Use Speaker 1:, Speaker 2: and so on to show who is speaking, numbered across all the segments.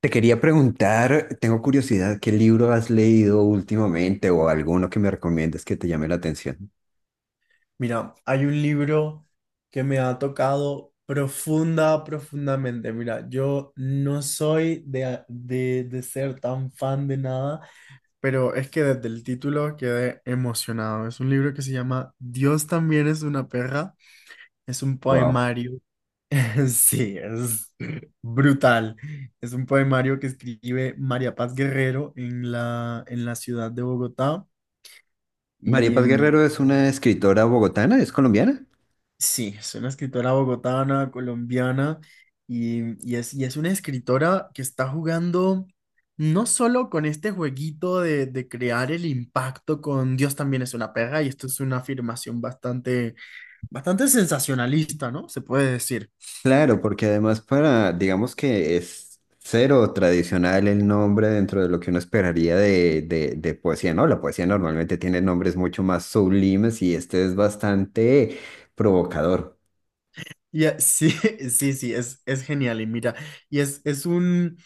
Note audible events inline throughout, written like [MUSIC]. Speaker 1: Te quería preguntar, tengo curiosidad, ¿qué libro has leído últimamente o alguno que me recomiendes que te llame la atención?
Speaker 2: Mira, hay un libro que me ha tocado profundamente. Mira, yo no soy de ser tan fan de nada, pero es que desde el título quedé emocionado. Es un libro que se llama Dios también es una perra. Es un
Speaker 1: Wow.
Speaker 2: poemario. [LAUGHS] Sí, es brutal. Es un poemario que escribe María Paz Guerrero en la ciudad de Bogotá.
Speaker 1: María
Speaker 2: y
Speaker 1: Paz
Speaker 2: mm,
Speaker 1: Guerrero es una escritora bogotana, ¿es colombiana?
Speaker 2: Sí, es una escritora bogotana, colombiana, y, y es una escritora que está jugando no solo con este jueguito de crear el impacto con Dios también es una perra, y esto es una afirmación bastante sensacionalista, ¿no? Se puede decir.
Speaker 1: Claro, porque además para, digamos que es cero tradicional el nombre dentro de lo que uno esperaría de poesía, ¿no? La poesía normalmente tiene nombres mucho más sublimes y este es bastante provocador.
Speaker 2: Sí, [LAUGHS] sí, es genial. Y mira, es un...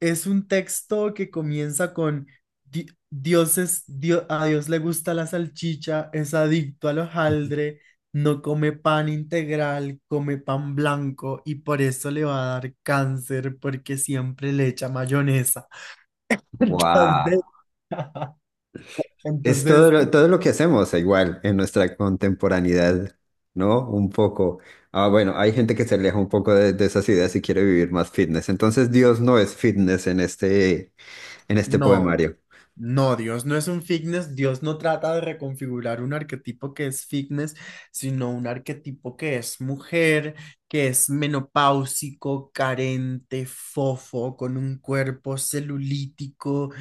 Speaker 2: Es un texto que comienza con Dios es, a Dios le gusta la salchicha, es adicto al hojaldre, no come pan integral, come pan blanco y por eso le va a dar cáncer porque siempre le echa mayonesa. [LAUGHS] Entonces,
Speaker 1: Wow.
Speaker 2: [LAUGHS]
Speaker 1: Es todo
Speaker 2: entonces,
Speaker 1: todo lo que hacemos igual en nuestra contemporaneidad, ¿no? Un poco. Ah, bueno, hay gente que se aleja un poco de esas ideas y quiere vivir más fitness. Entonces, Dios no es fitness en en este
Speaker 2: no.
Speaker 1: poemario.
Speaker 2: No, Dios no es un fitness, Dios no trata de reconfigurar un arquetipo que es fitness, sino un arquetipo que es mujer, que es menopáusico, carente, fofo, con un cuerpo celulítico,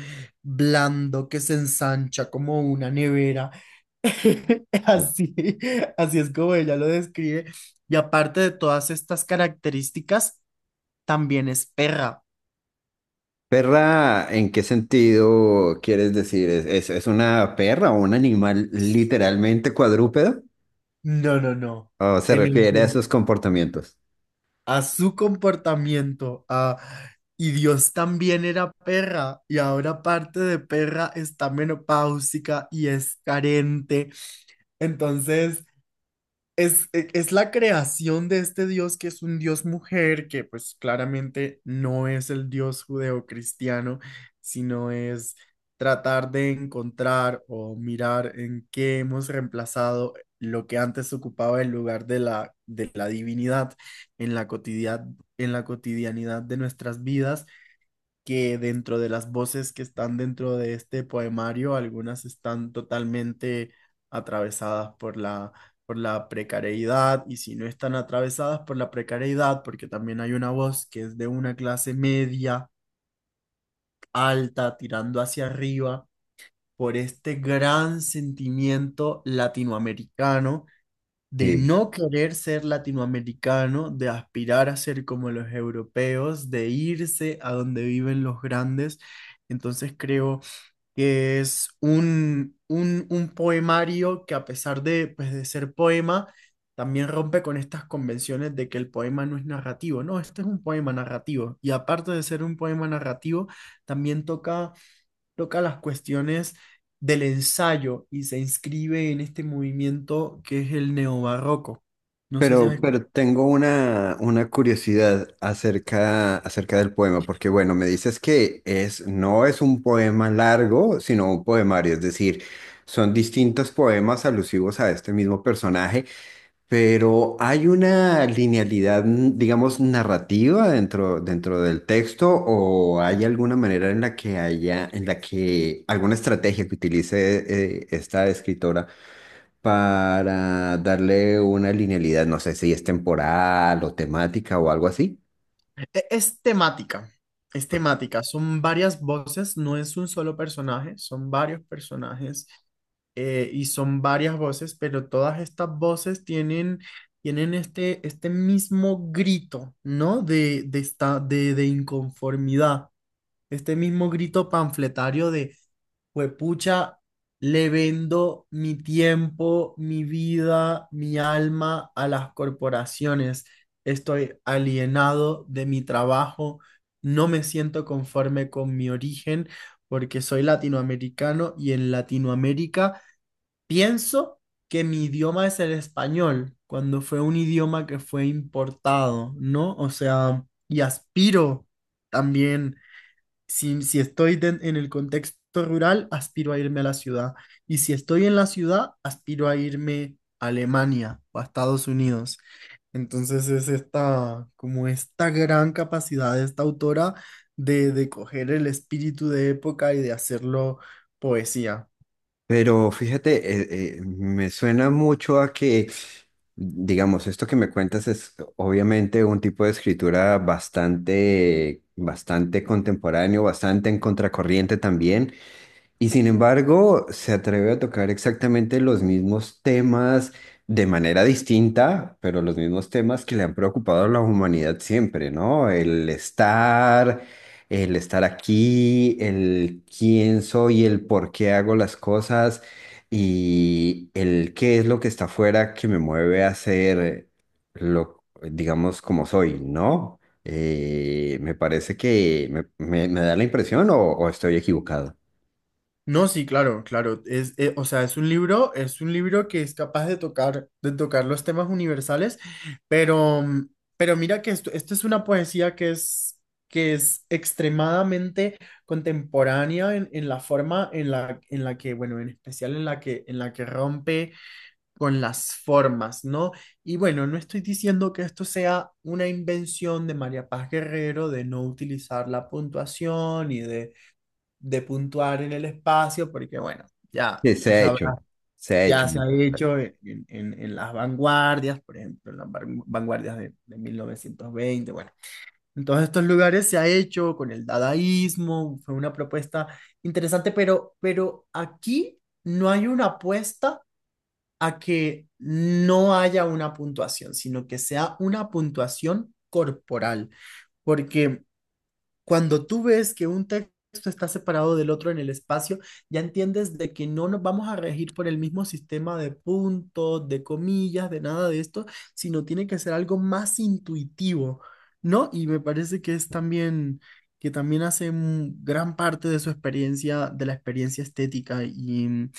Speaker 2: blando, que se ensancha como una nevera. [LAUGHS] Así, así es como ella lo describe. Y aparte de todas estas características, también es perra.
Speaker 1: Perra, ¿en qué sentido quieres decir? ¿Es una perra o un animal literalmente cuadrúpedo?
Speaker 2: No, no, no.
Speaker 1: ¿O se
Speaker 2: En el,
Speaker 1: refiere a esos comportamientos?
Speaker 2: a su comportamiento, a... Y Dios también era perra, y ahora aparte de perra está menopáusica y es carente. Entonces, es la creación de este Dios que es un Dios mujer, que pues claramente no es el Dios judeocristiano, sino es tratar de encontrar o mirar en qué hemos reemplazado lo que antes ocupaba el lugar de la divinidad en en la cotidianidad de nuestras vidas, que dentro de las voces que están dentro de este poemario, algunas están totalmente atravesadas por por la precariedad. Y si no están atravesadas por la precariedad, porque también hay una voz que es de una clase media, alta, tirando hacia arriba, por este gran sentimiento latinoamericano de
Speaker 1: Sí.
Speaker 2: no querer ser latinoamericano, de aspirar a ser como los europeos, de irse a donde viven los grandes. Entonces creo que es un poemario que a pesar de, pues, de ser poema, también rompe con estas convenciones de que el poema no es narrativo. No, este es un poema narrativo. Y aparte de ser un poema narrativo, también toca las cuestiones del ensayo y se inscribe en este movimiento que es el neobarroco. No sé si has
Speaker 1: Pero
Speaker 2: escuchado.
Speaker 1: tengo una curiosidad acerca del poema, porque bueno, me dices que es, no es un poema largo, sino un poemario, es decir, son distintos poemas alusivos a este mismo personaje, pero hay una linealidad, digamos, narrativa dentro del texto, o hay alguna manera en la que haya, en la que alguna estrategia que utilice esta escritora para darle una linealidad, no sé si es temporal o temática o algo así.
Speaker 2: Es es temática. Son varias voces, no es un solo personaje, son varios personajes, y son varias voces, pero todas estas voces tienen este mismo grito, ¿no? De inconformidad. Este mismo grito panfletario de, huepucha, le vendo mi tiempo, mi vida, mi alma a las corporaciones. Estoy alienado de mi trabajo, no me siento conforme con mi origen porque soy latinoamericano y en Latinoamérica pienso que mi idioma es el español, cuando fue un idioma que fue importado, ¿no? O sea, y aspiro también, si estoy en el contexto rural, aspiro a irme a la ciudad. Y si estoy en la ciudad, aspiro a irme a Alemania o a Estados Unidos. Entonces es esta, como esta gran capacidad de esta autora de coger el espíritu de época y de hacerlo poesía.
Speaker 1: Pero fíjate, me suena mucho a que, digamos, esto que me cuentas es obviamente un tipo de escritura bastante contemporáneo, bastante en contracorriente también. Y sin embargo, se atreve a tocar exactamente los mismos temas de manera distinta, pero los mismos temas que le han preocupado a la humanidad siempre, ¿no? El estar aquí, el quién soy, el por qué hago las cosas y el qué es lo que está afuera que me mueve a ser lo, digamos, como soy, ¿no? Me parece que me da la impresión o estoy equivocado.
Speaker 2: No, sí, claro, claro. Es, o sea, es un libro que es capaz de tocar los temas universales, pero, mm, pero mira que esto es una poesía que es extremadamente contemporánea en la forma en en la que, bueno, en especial en la que rompe con las formas, ¿no? Y bueno, no estoy diciendo que esto sea una invención de María Paz Guerrero, de no utilizar la puntuación y de puntuar en el espacio, porque bueno, ya
Speaker 1: Sí,
Speaker 2: tú sabrás,
Speaker 1: se ha
Speaker 2: ya
Speaker 1: hecho
Speaker 2: se ha
Speaker 1: mucho.
Speaker 2: hecho en las vanguardias, por ejemplo, en las vanguardias de 1920, bueno. En todos estos lugares se ha hecho con el dadaísmo, fue una propuesta interesante, pero aquí no hay una apuesta a que no haya una puntuación, sino que sea una puntuación corporal, porque cuando tú ves que un texto está separado del otro en el espacio, ya entiendes de que no nos vamos a regir por el mismo sistema de puntos, de comillas, de nada de esto, sino tiene que ser algo más intuitivo, ¿no? Y me parece que es también, que también hace mm, gran parte de su experiencia, de la experiencia estética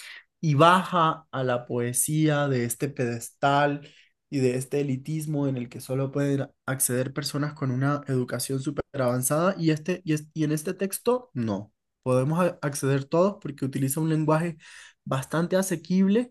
Speaker 2: y baja a la poesía de este pedestal y de este elitismo en el que solo pueden acceder personas con una educación súper avanzada y, este, y en este texto no. Podemos acceder todos porque utiliza un lenguaje bastante asequible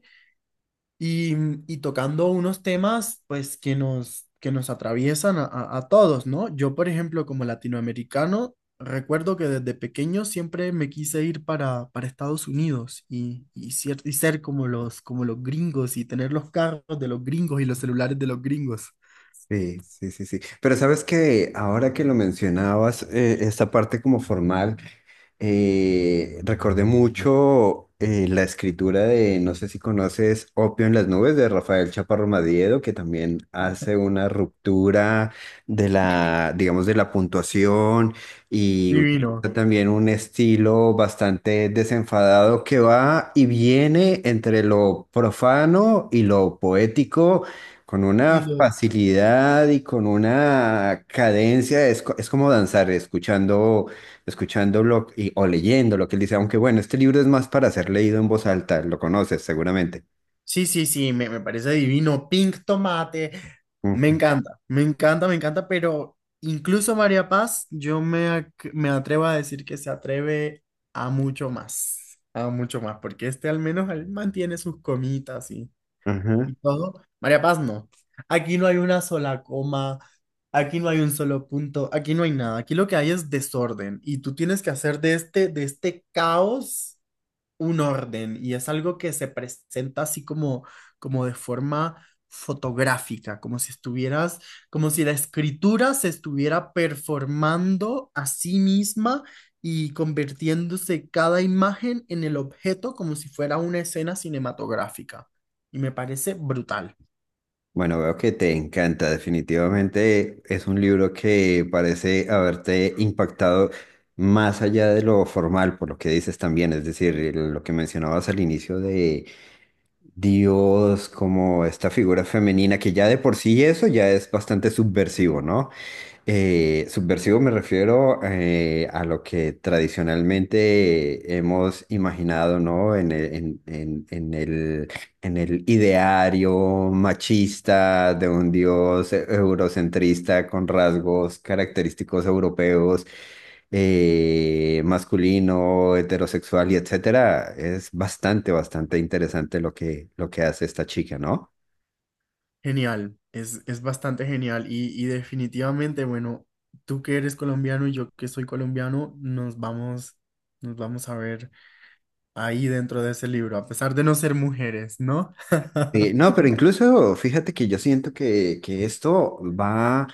Speaker 2: y, y tocando unos temas, pues que nos atraviesan a todos, ¿no? Yo, por ejemplo, como latinoamericano, recuerdo que desde pequeño siempre me quise ir para Estados Unidos y, y ser como como los gringos y tener los carros de los gringos y los celulares de los gringos.
Speaker 1: Sí, sí, sí, sí. Pero sabes que ahora que lo mencionabas, esta parte como formal, recordé mucho la escritura de, no sé si conoces, Opio en las nubes de Rafael Chaparro Madiedo, que también hace una ruptura de la, digamos, de la puntuación y
Speaker 2: Divino.
Speaker 1: utiliza también un estilo bastante desenfadado que va y viene entre lo profano y lo poético con una facilidad y con una cadencia, es, es como danzar, escuchando, escuchando o leyendo lo que él dice, aunque bueno, este libro es más para ser leído en voz alta, lo conoces seguramente.
Speaker 2: Sí, sí, sí, me parece divino. Pink tomate. Me
Speaker 1: Ujú,
Speaker 2: encanta, me encanta, me encanta, pero incluso María Paz, yo me atrevo a decir que se atreve a mucho más, porque este al menos él mantiene sus comitas
Speaker 1: ajá.
Speaker 2: y todo. María Paz no. Aquí no hay una sola coma, aquí no hay un solo punto, aquí no hay nada. Aquí lo que hay es desorden y tú tienes que hacer de de este caos un orden, y es algo que se presenta así como, como de forma fotográfica, como si estuvieras, como si la escritura se estuviera performando a sí misma y convirtiéndose cada imagen en el objeto, como si fuera una escena cinematográfica. Y me parece brutal,
Speaker 1: Bueno, veo que te encanta, definitivamente es un libro que parece haberte impactado más allá de lo formal, por lo que dices también, es decir, lo que mencionabas al inicio de Dios, como esta figura femenina que ya de por sí eso ya es bastante subversivo, ¿no? Subversivo me refiero a lo que tradicionalmente hemos imaginado, ¿no? En el ideario machista de un dios eurocentrista con rasgos característicos europeos, masculino, heterosexual y etcétera. Es bastante, bastante interesante lo que hace esta chica, ¿no?
Speaker 2: genial. Es bastante genial y definitivamente, bueno, tú que eres colombiano y yo que soy colombiano, nos vamos a ver ahí dentro de ese libro, a pesar de no ser mujeres, ¿no?
Speaker 1: Sí, no, pero incluso fíjate que yo siento que esto va,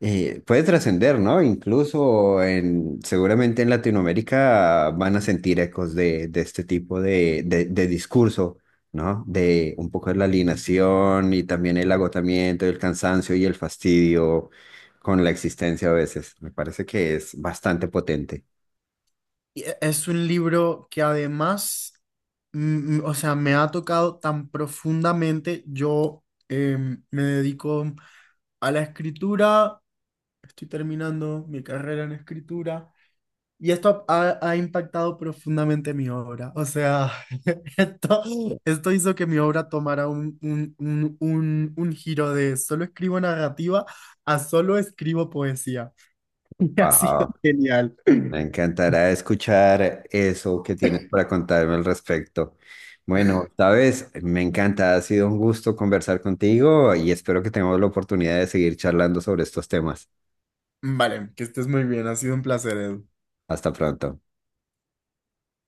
Speaker 1: puede trascender, ¿no? Incluso seguramente en Latinoamérica van a sentir ecos de este tipo de discurso, ¿no? De un poco de la alienación y también el agotamiento, el cansancio y el fastidio con la existencia a veces. Me parece que es bastante potente.
Speaker 2: Y es un libro que además, mm, mm, o sea, me ha tocado tan profundamente. Yo me dedico a la escritura, estoy terminando mi carrera en escritura y esto ha, ha impactado profundamente mi obra. O sea, [LAUGHS] esto, esto hizo que mi obra tomara un giro de solo escribo narrativa a solo escribo poesía. [LAUGHS] Ha sido
Speaker 1: Ajá.
Speaker 2: genial.
Speaker 1: Me encantará escuchar eso que tienes para contarme al respecto. Bueno, sabes, me encanta, ha sido un gusto conversar contigo y espero que tengamos la oportunidad de seguir charlando sobre estos temas.
Speaker 2: Vale, que estés muy bien. Ha sido un placer, Edu.
Speaker 1: Hasta pronto.